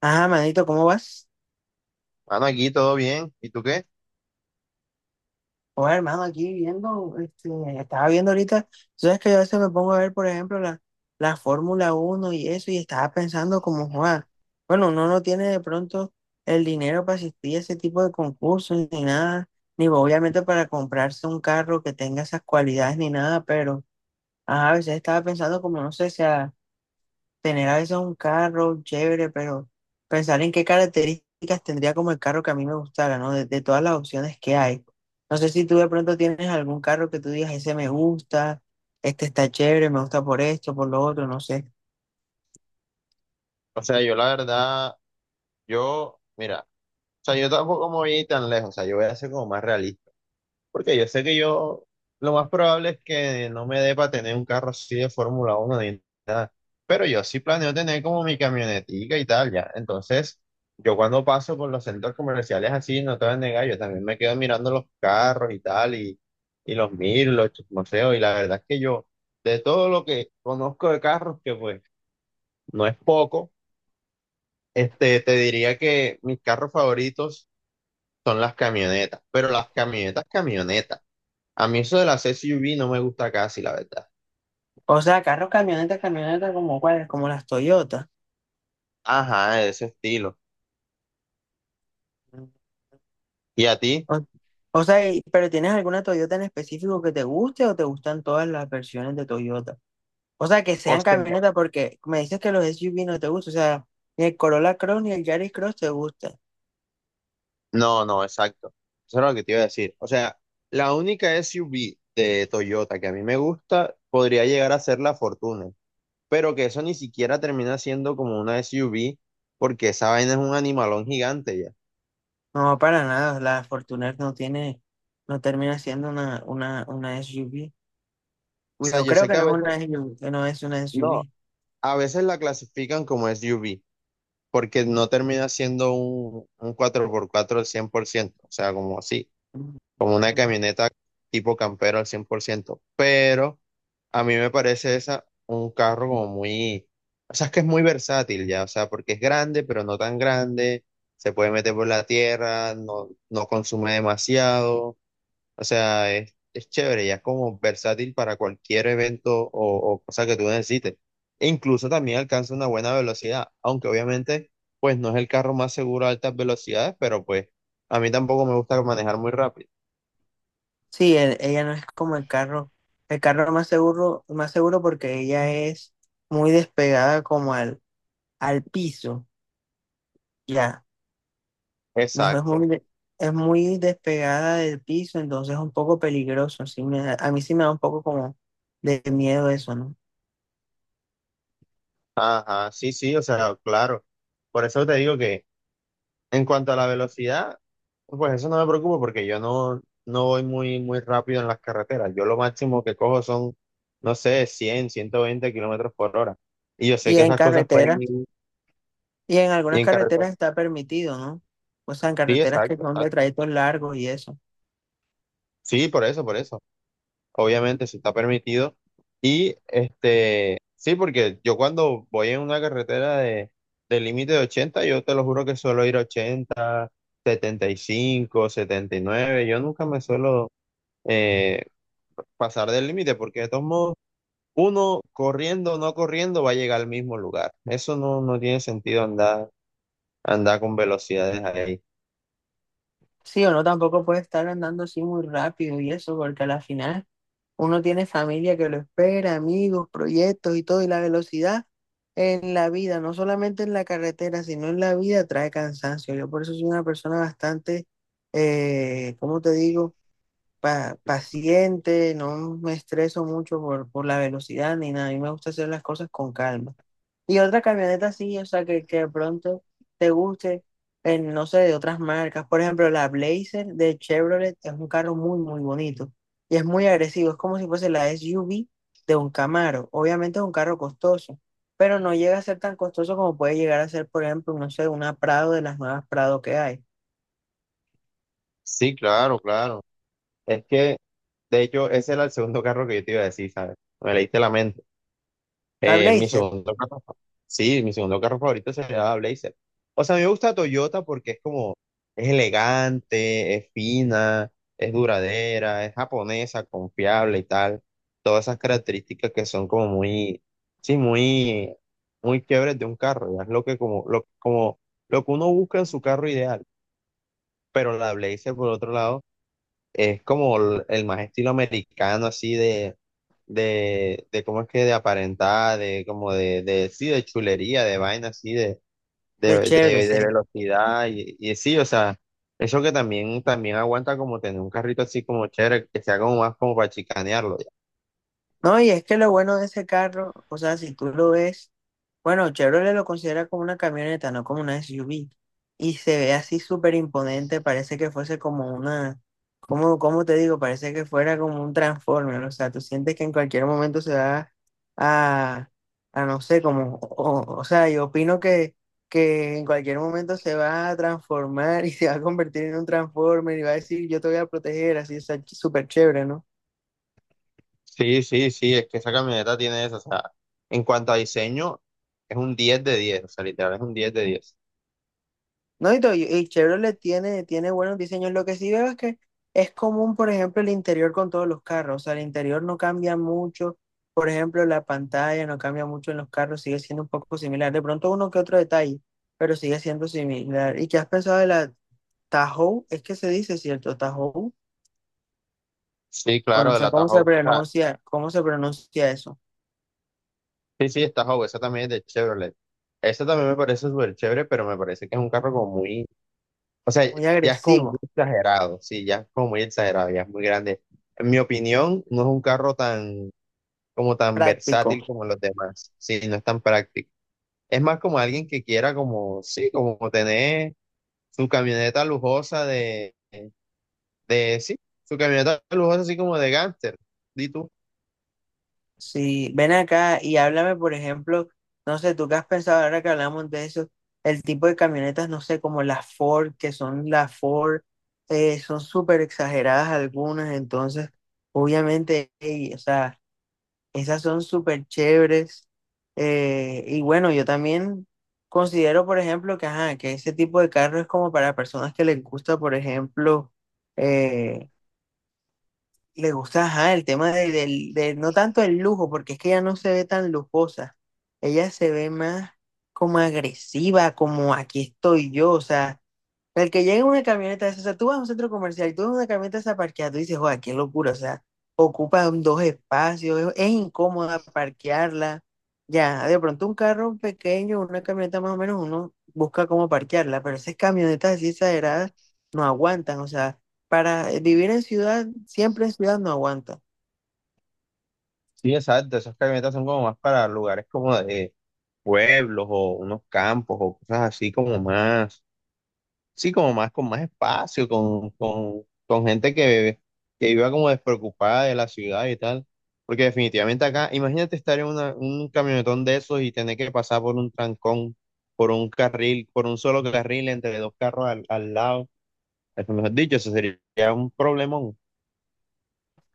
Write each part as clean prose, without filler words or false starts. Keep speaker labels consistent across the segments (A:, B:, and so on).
A: Ah, manito, ¿cómo vas?
B: Mano, aquí todo bien. ¿Y tú qué?
A: Oye, hermano, aquí viendo, estaba viendo ahorita, tú sabes que yo a veces me pongo a ver, por ejemplo, la Fórmula 1 y eso, y estaba pensando como, Juan, bueno, uno no tiene de pronto el dinero para asistir a ese tipo de concursos ni nada, ni obviamente para comprarse un carro que tenga esas cualidades ni nada, pero, ajá, a veces estaba pensando como, no sé, si tener a veces un carro chévere, pero pensar en qué características tendría como el carro que a mí me gustara, ¿no? De todas las opciones que hay. No sé si tú de pronto tienes algún carro que tú digas, ese me gusta, este está chévere, me gusta por esto, por lo otro, no sé.
B: O sea, yo la verdad, yo, mira, o sea, yo tampoco me voy a ir tan lejos, o sea, yo voy a ser como más realista, porque yo sé que lo más probable es que no me dé para tener un carro así de Fórmula 1 ni nada, pero yo sí planeo tener como mi camionetica y tal, ya. Entonces, yo cuando paso por los centros comerciales así, no te voy a negar, yo también me quedo mirando los carros y tal, y los miro, los museos, y la verdad es que yo, de todo lo que conozco de carros, que pues no es poco. Te diría que mis carros favoritos son las camionetas, pero las camionetas, camionetas. A mí eso de las SUV no me gusta casi, la verdad.
A: O sea, carros, camionetas, camionetas como cuáles, como las Toyotas.
B: Ajá, de ese estilo. ¿Y a ti?
A: O, o sea, pero ¿tienes alguna Toyota en específico que te guste o te gustan todas las versiones de Toyota? O sea, que
B: O
A: sean
B: sea,
A: camionetas porque me dices que los SUV no te gustan. O sea, ni el Corolla Cross ni el Yaris Cross te gustan.
B: no, no, exacto. Eso es lo que te iba a decir. O sea, la única SUV de Toyota que a mí me gusta podría llegar a ser la Fortuner, pero que eso ni siquiera termina siendo como una SUV porque esa vaina es un animalón gigante ya.
A: No, para nada. La Fortuner no tiene, no termina siendo una SUV.
B: O
A: Uy,
B: sea,
A: yo
B: yo
A: creo
B: sé que
A: que
B: a
A: no es
B: veces,
A: una SUV, que no es una
B: no,
A: SUV.
B: a veces la clasifican como SUV, porque no termina siendo un 4x4 al 100%, o sea, como así,
A: Ujú.
B: como una camioneta tipo campero al 100%, pero a mí me parece esa un carro como muy, o sea, es que es muy versátil ya, o sea, porque es grande, pero no tan grande, se puede meter por la tierra, no, no consume demasiado, o sea, es chévere, ya es como versátil para cualquier evento o cosa que tú necesites. E incluso también alcanza una buena velocidad, aunque obviamente, pues no es el carro más seguro a altas velocidades, pero pues a mí tampoco me gusta manejar muy rápido.
A: Sí, ella no es como el carro. El carro más seguro porque ella es muy despegada como al piso. Ya. No,
B: Exacto.
A: es muy despegada del piso, entonces es un poco peligroso. A mí sí me da un poco como de miedo eso, ¿no?
B: Ajá, sí, sí, o sea, claro. Por eso te digo que en cuanto a la velocidad, pues eso no me preocupa porque yo no voy muy, muy rápido en las carreteras. Yo lo máximo que cojo son, no sé, 100, 120 km/h. Y yo sé
A: Y
B: que
A: en
B: esas cosas pueden
A: carretera,
B: ir
A: y en algunas
B: en carretera.
A: carreteras está permitido, ¿no? O sea, en
B: Sí,
A: carreteras que
B: exacto,
A: son de
B: exacto.
A: trayectos largos y eso.
B: Sí, por eso, por eso. Obviamente, si está permitido. Y sí, porque yo cuando voy en una carretera de límite de 80, yo te lo juro que suelo ir 80, 75, 79. Yo nunca me suelo eh, pasar del límite, porque de todos modos, uno corriendo o no corriendo va a llegar al mismo lugar. Eso no tiene sentido andar con velocidades ahí.
A: Sí, uno tampoco puede estar andando así muy rápido y eso, porque a la final uno tiene familia que lo espera, amigos, proyectos y todo, y la velocidad en la vida, no solamente en la carretera, sino en la vida trae cansancio. Yo por eso soy una persona bastante, ¿cómo te digo? Paciente, no me estreso mucho por la velocidad ni nada, a mí me gusta hacer las cosas con calma. Y otra camioneta así, o sea, que de pronto te guste, en, no sé, de otras marcas. Por ejemplo, la Blazer de Chevrolet es un carro muy bonito y es muy agresivo. Es como si fuese la SUV de un Camaro. Obviamente es un carro costoso, pero no llega a ser tan costoso como puede llegar a ser, por ejemplo, no sé, una Prado de las nuevas Prado que hay.
B: Sí, claro, claro. Es que, de hecho, ese era el segundo carro que yo te iba a decir, ¿sabes? Me leíste la mente.
A: La
B: Mi
A: Blazer
B: segundo carro, sí, mi segundo carro favorito sería la Blazer. O sea, a mí me gusta Toyota porque es como, es elegante, es fina, es duradera, es japonesa, confiable y tal. Todas esas características que son como muy, sí, muy, muy quiebres de un carro. Ya es lo que como, lo que uno busca en su carro ideal. Pero la Blazer, por otro lado, es como el más estilo americano, así de, de cómo es que de aparentar, de como de sí, de chulería, de vaina así, de,
A: de
B: de,
A: Chevrolet,
B: de, de
A: sí.
B: velocidad, y sí, o sea, eso que también aguanta como tener un carrito así como chévere, que sea como más como para chicanearlo, ya.
A: No, y es que lo bueno de ese carro, o sea, si tú lo ves, bueno, Chevrolet lo considera como una camioneta, no como una SUV, y se ve así súper imponente, parece que fuese como una, como, ¿cómo te digo? Parece que fuera como un Transformer, o sea, tú sientes que en cualquier momento se va a, a no sé, como, o sea, yo opino que en cualquier momento se va a transformar y se va a convertir en un Transformer y va a decir, yo te voy a proteger, así, o sea, súper chévere, ¿no?
B: Sí, sí, sí, es que esa camioneta tiene eso, o sea, en cuanto a diseño, es un 10 de 10, o sea, literal es un 10 de 10.
A: Y Chevrolet tiene buenos diseños. Lo que sí veo es que es común, por ejemplo, el interior con todos los carros. O sea, el interior no cambia mucho. Por ejemplo, la pantalla no cambia mucho en los carros, sigue siendo un poco similar. De pronto uno que otro detalle, pero sigue siendo similar. ¿Y qué has pensado de la Tahoe? Es que se dice, ¿cierto? Tahoe.
B: Sí,
A: O
B: claro,
A: no
B: de
A: sé
B: la Tahoe, o sea,
A: cómo se pronuncia eso.
B: sí, sí, esta Howe, esa también es de Chevrolet. Esa también me parece súper chévere, pero me parece que es un carro como muy, o sea,
A: Muy
B: ya es como muy
A: agresivo,
B: exagerado, sí, ya es como muy exagerado, ya es muy grande. En mi opinión, no es un carro tan, como tan
A: práctico.
B: versátil como los demás, sí, no es tan práctico. Es más como alguien que quiera como, sí, como tener su camioneta lujosa de, sí, su camioneta lujosa así como de gánster, di tú.
A: Sí, ven acá y háblame, por ejemplo, no sé, tú qué has pensado ahora que hablamos de eso, el tipo de camionetas, no sé, como las Ford, que son las Ford, son súper exageradas algunas, entonces, obviamente, ey, o sea, esas son súper chéveres. Y bueno, yo también considero, por ejemplo, que, ajá, que ese tipo de carro es como para personas que les gusta, por ejemplo, eh, le gusta, ajá, el tema de no tanto el lujo, porque es que ella no se ve tan lujosa. Ella se ve más como agresiva, como aquí estoy yo, o sea. El que llega en una camioneta, de esas, o sea, tú vas a un centro comercial y tú ves una camioneta esa parqueada, tú dices, joder, qué locura, o sea, ocupan dos espacios, es incómoda parquearla. Ya, de pronto un carro pequeño, una camioneta más o menos, uno busca cómo parquearla, pero esas camionetas así exageradas no aguantan, o sea, para vivir en ciudad, siempre en ciudad no aguanta.
B: Sí, exacto, esas camionetas son como más para lugares como de pueblos o unos campos o cosas así como más, sí, como más con más espacio, con gente que iba como despreocupada de la ciudad y tal. Porque definitivamente acá, imagínate estar en un camionetón de esos y tener que pasar por un trancón, por un carril, por un solo carril entre dos carros al lado. Eso, mejor dicho, eso sería un problemón.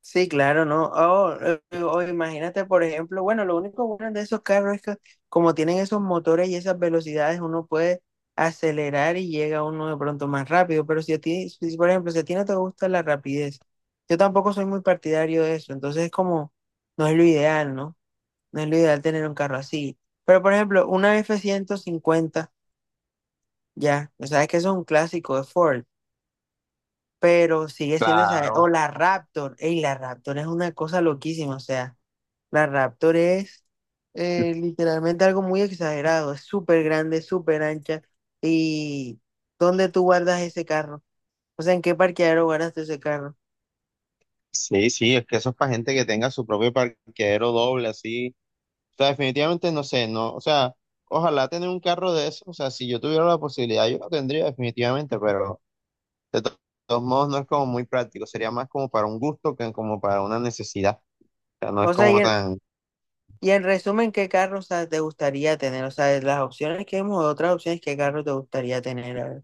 A: Sí, claro, ¿no? O imagínate, por ejemplo, bueno, lo único bueno de esos carros es que como tienen esos motores y esas velocidades, uno puede acelerar y llega uno de pronto más rápido, pero si a ti, si, por ejemplo, si a ti no te gusta la rapidez, yo tampoco soy muy partidario de eso, entonces es como, no es lo ideal, ¿no? No es lo ideal tener un carro así. Pero, por ejemplo, una F-150 ya, o sea, es que eso es un clásico de Ford, pero sigue siendo esa, o
B: Claro.
A: la Raptor, ey, la Raptor es una cosa loquísima, o sea. La Raptor es literalmente algo muy exagerado, es súper grande, súper ancha. ¿Y dónde tú guardas ese carro? O sea, ¿en qué parqueadero guardaste ese carro?
B: Sí, sí, es que eso es para gente que tenga su propio parqueadero doble, así. O sea, definitivamente no sé, no, o sea, ojalá tener un carro de eso, o sea, si yo tuviera la posibilidad, yo lo tendría definitivamente, pero de todos modos no es como muy práctico, sería más como para un gusto que como para una necesidad, o sea, no es
A: O sea, y
B: como
A: en,
B: tan,
A: y en resumen, ¿qué carro, o sea, te gustaría tener? O sea, de las opciones que hemos, otras opciones, ¿qué carro te gustaría tener? A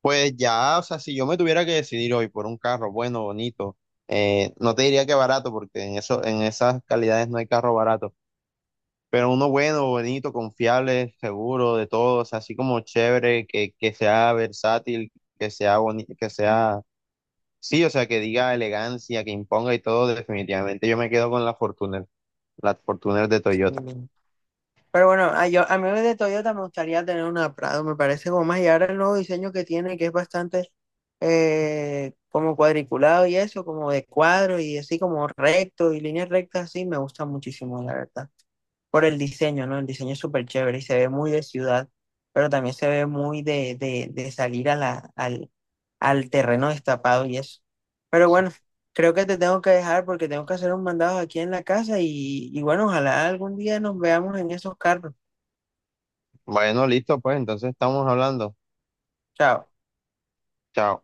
B: pues ya, o sea, si yo me tuviera que decidir hoy por un carro bueno, bonito, no te diría que barato, porque en eso, en esas calidades no hay carro barato. Pero uno bueno, bonito, confiable, seguro de todo, o sea, así como chévere, que sea versátil, que sea bonito, que sea, sí, o sea, que diga elegancia, que imponga y todo, definitivamente yo me quedo con la Fortuner de Toyota.
A: ver. Pero bueno, a, yo, a mí de Toyota me gustaría tener una Prado, me parece como más. Y ahora el nuevo diseño que tiene, que es bastante como cuadriculado y eso, como de cuadro y así como recto y líneas rectas, así me gusta muchísimo, la verdad. Por el diseño, ¿no? El diseño es súper chévere y se ve muy de ciudad, pero también se ve muy de salir a al terreno destapado y eso. Pero bueno, creo que te tengo que dejar porque tengo que hacer un mandado aquí en la casa y bueno, ojalá algún día nos veamos en esos carros.
B: Bueno, listo, pues entonces estamos hablando.
A: Chao.
B: Chao.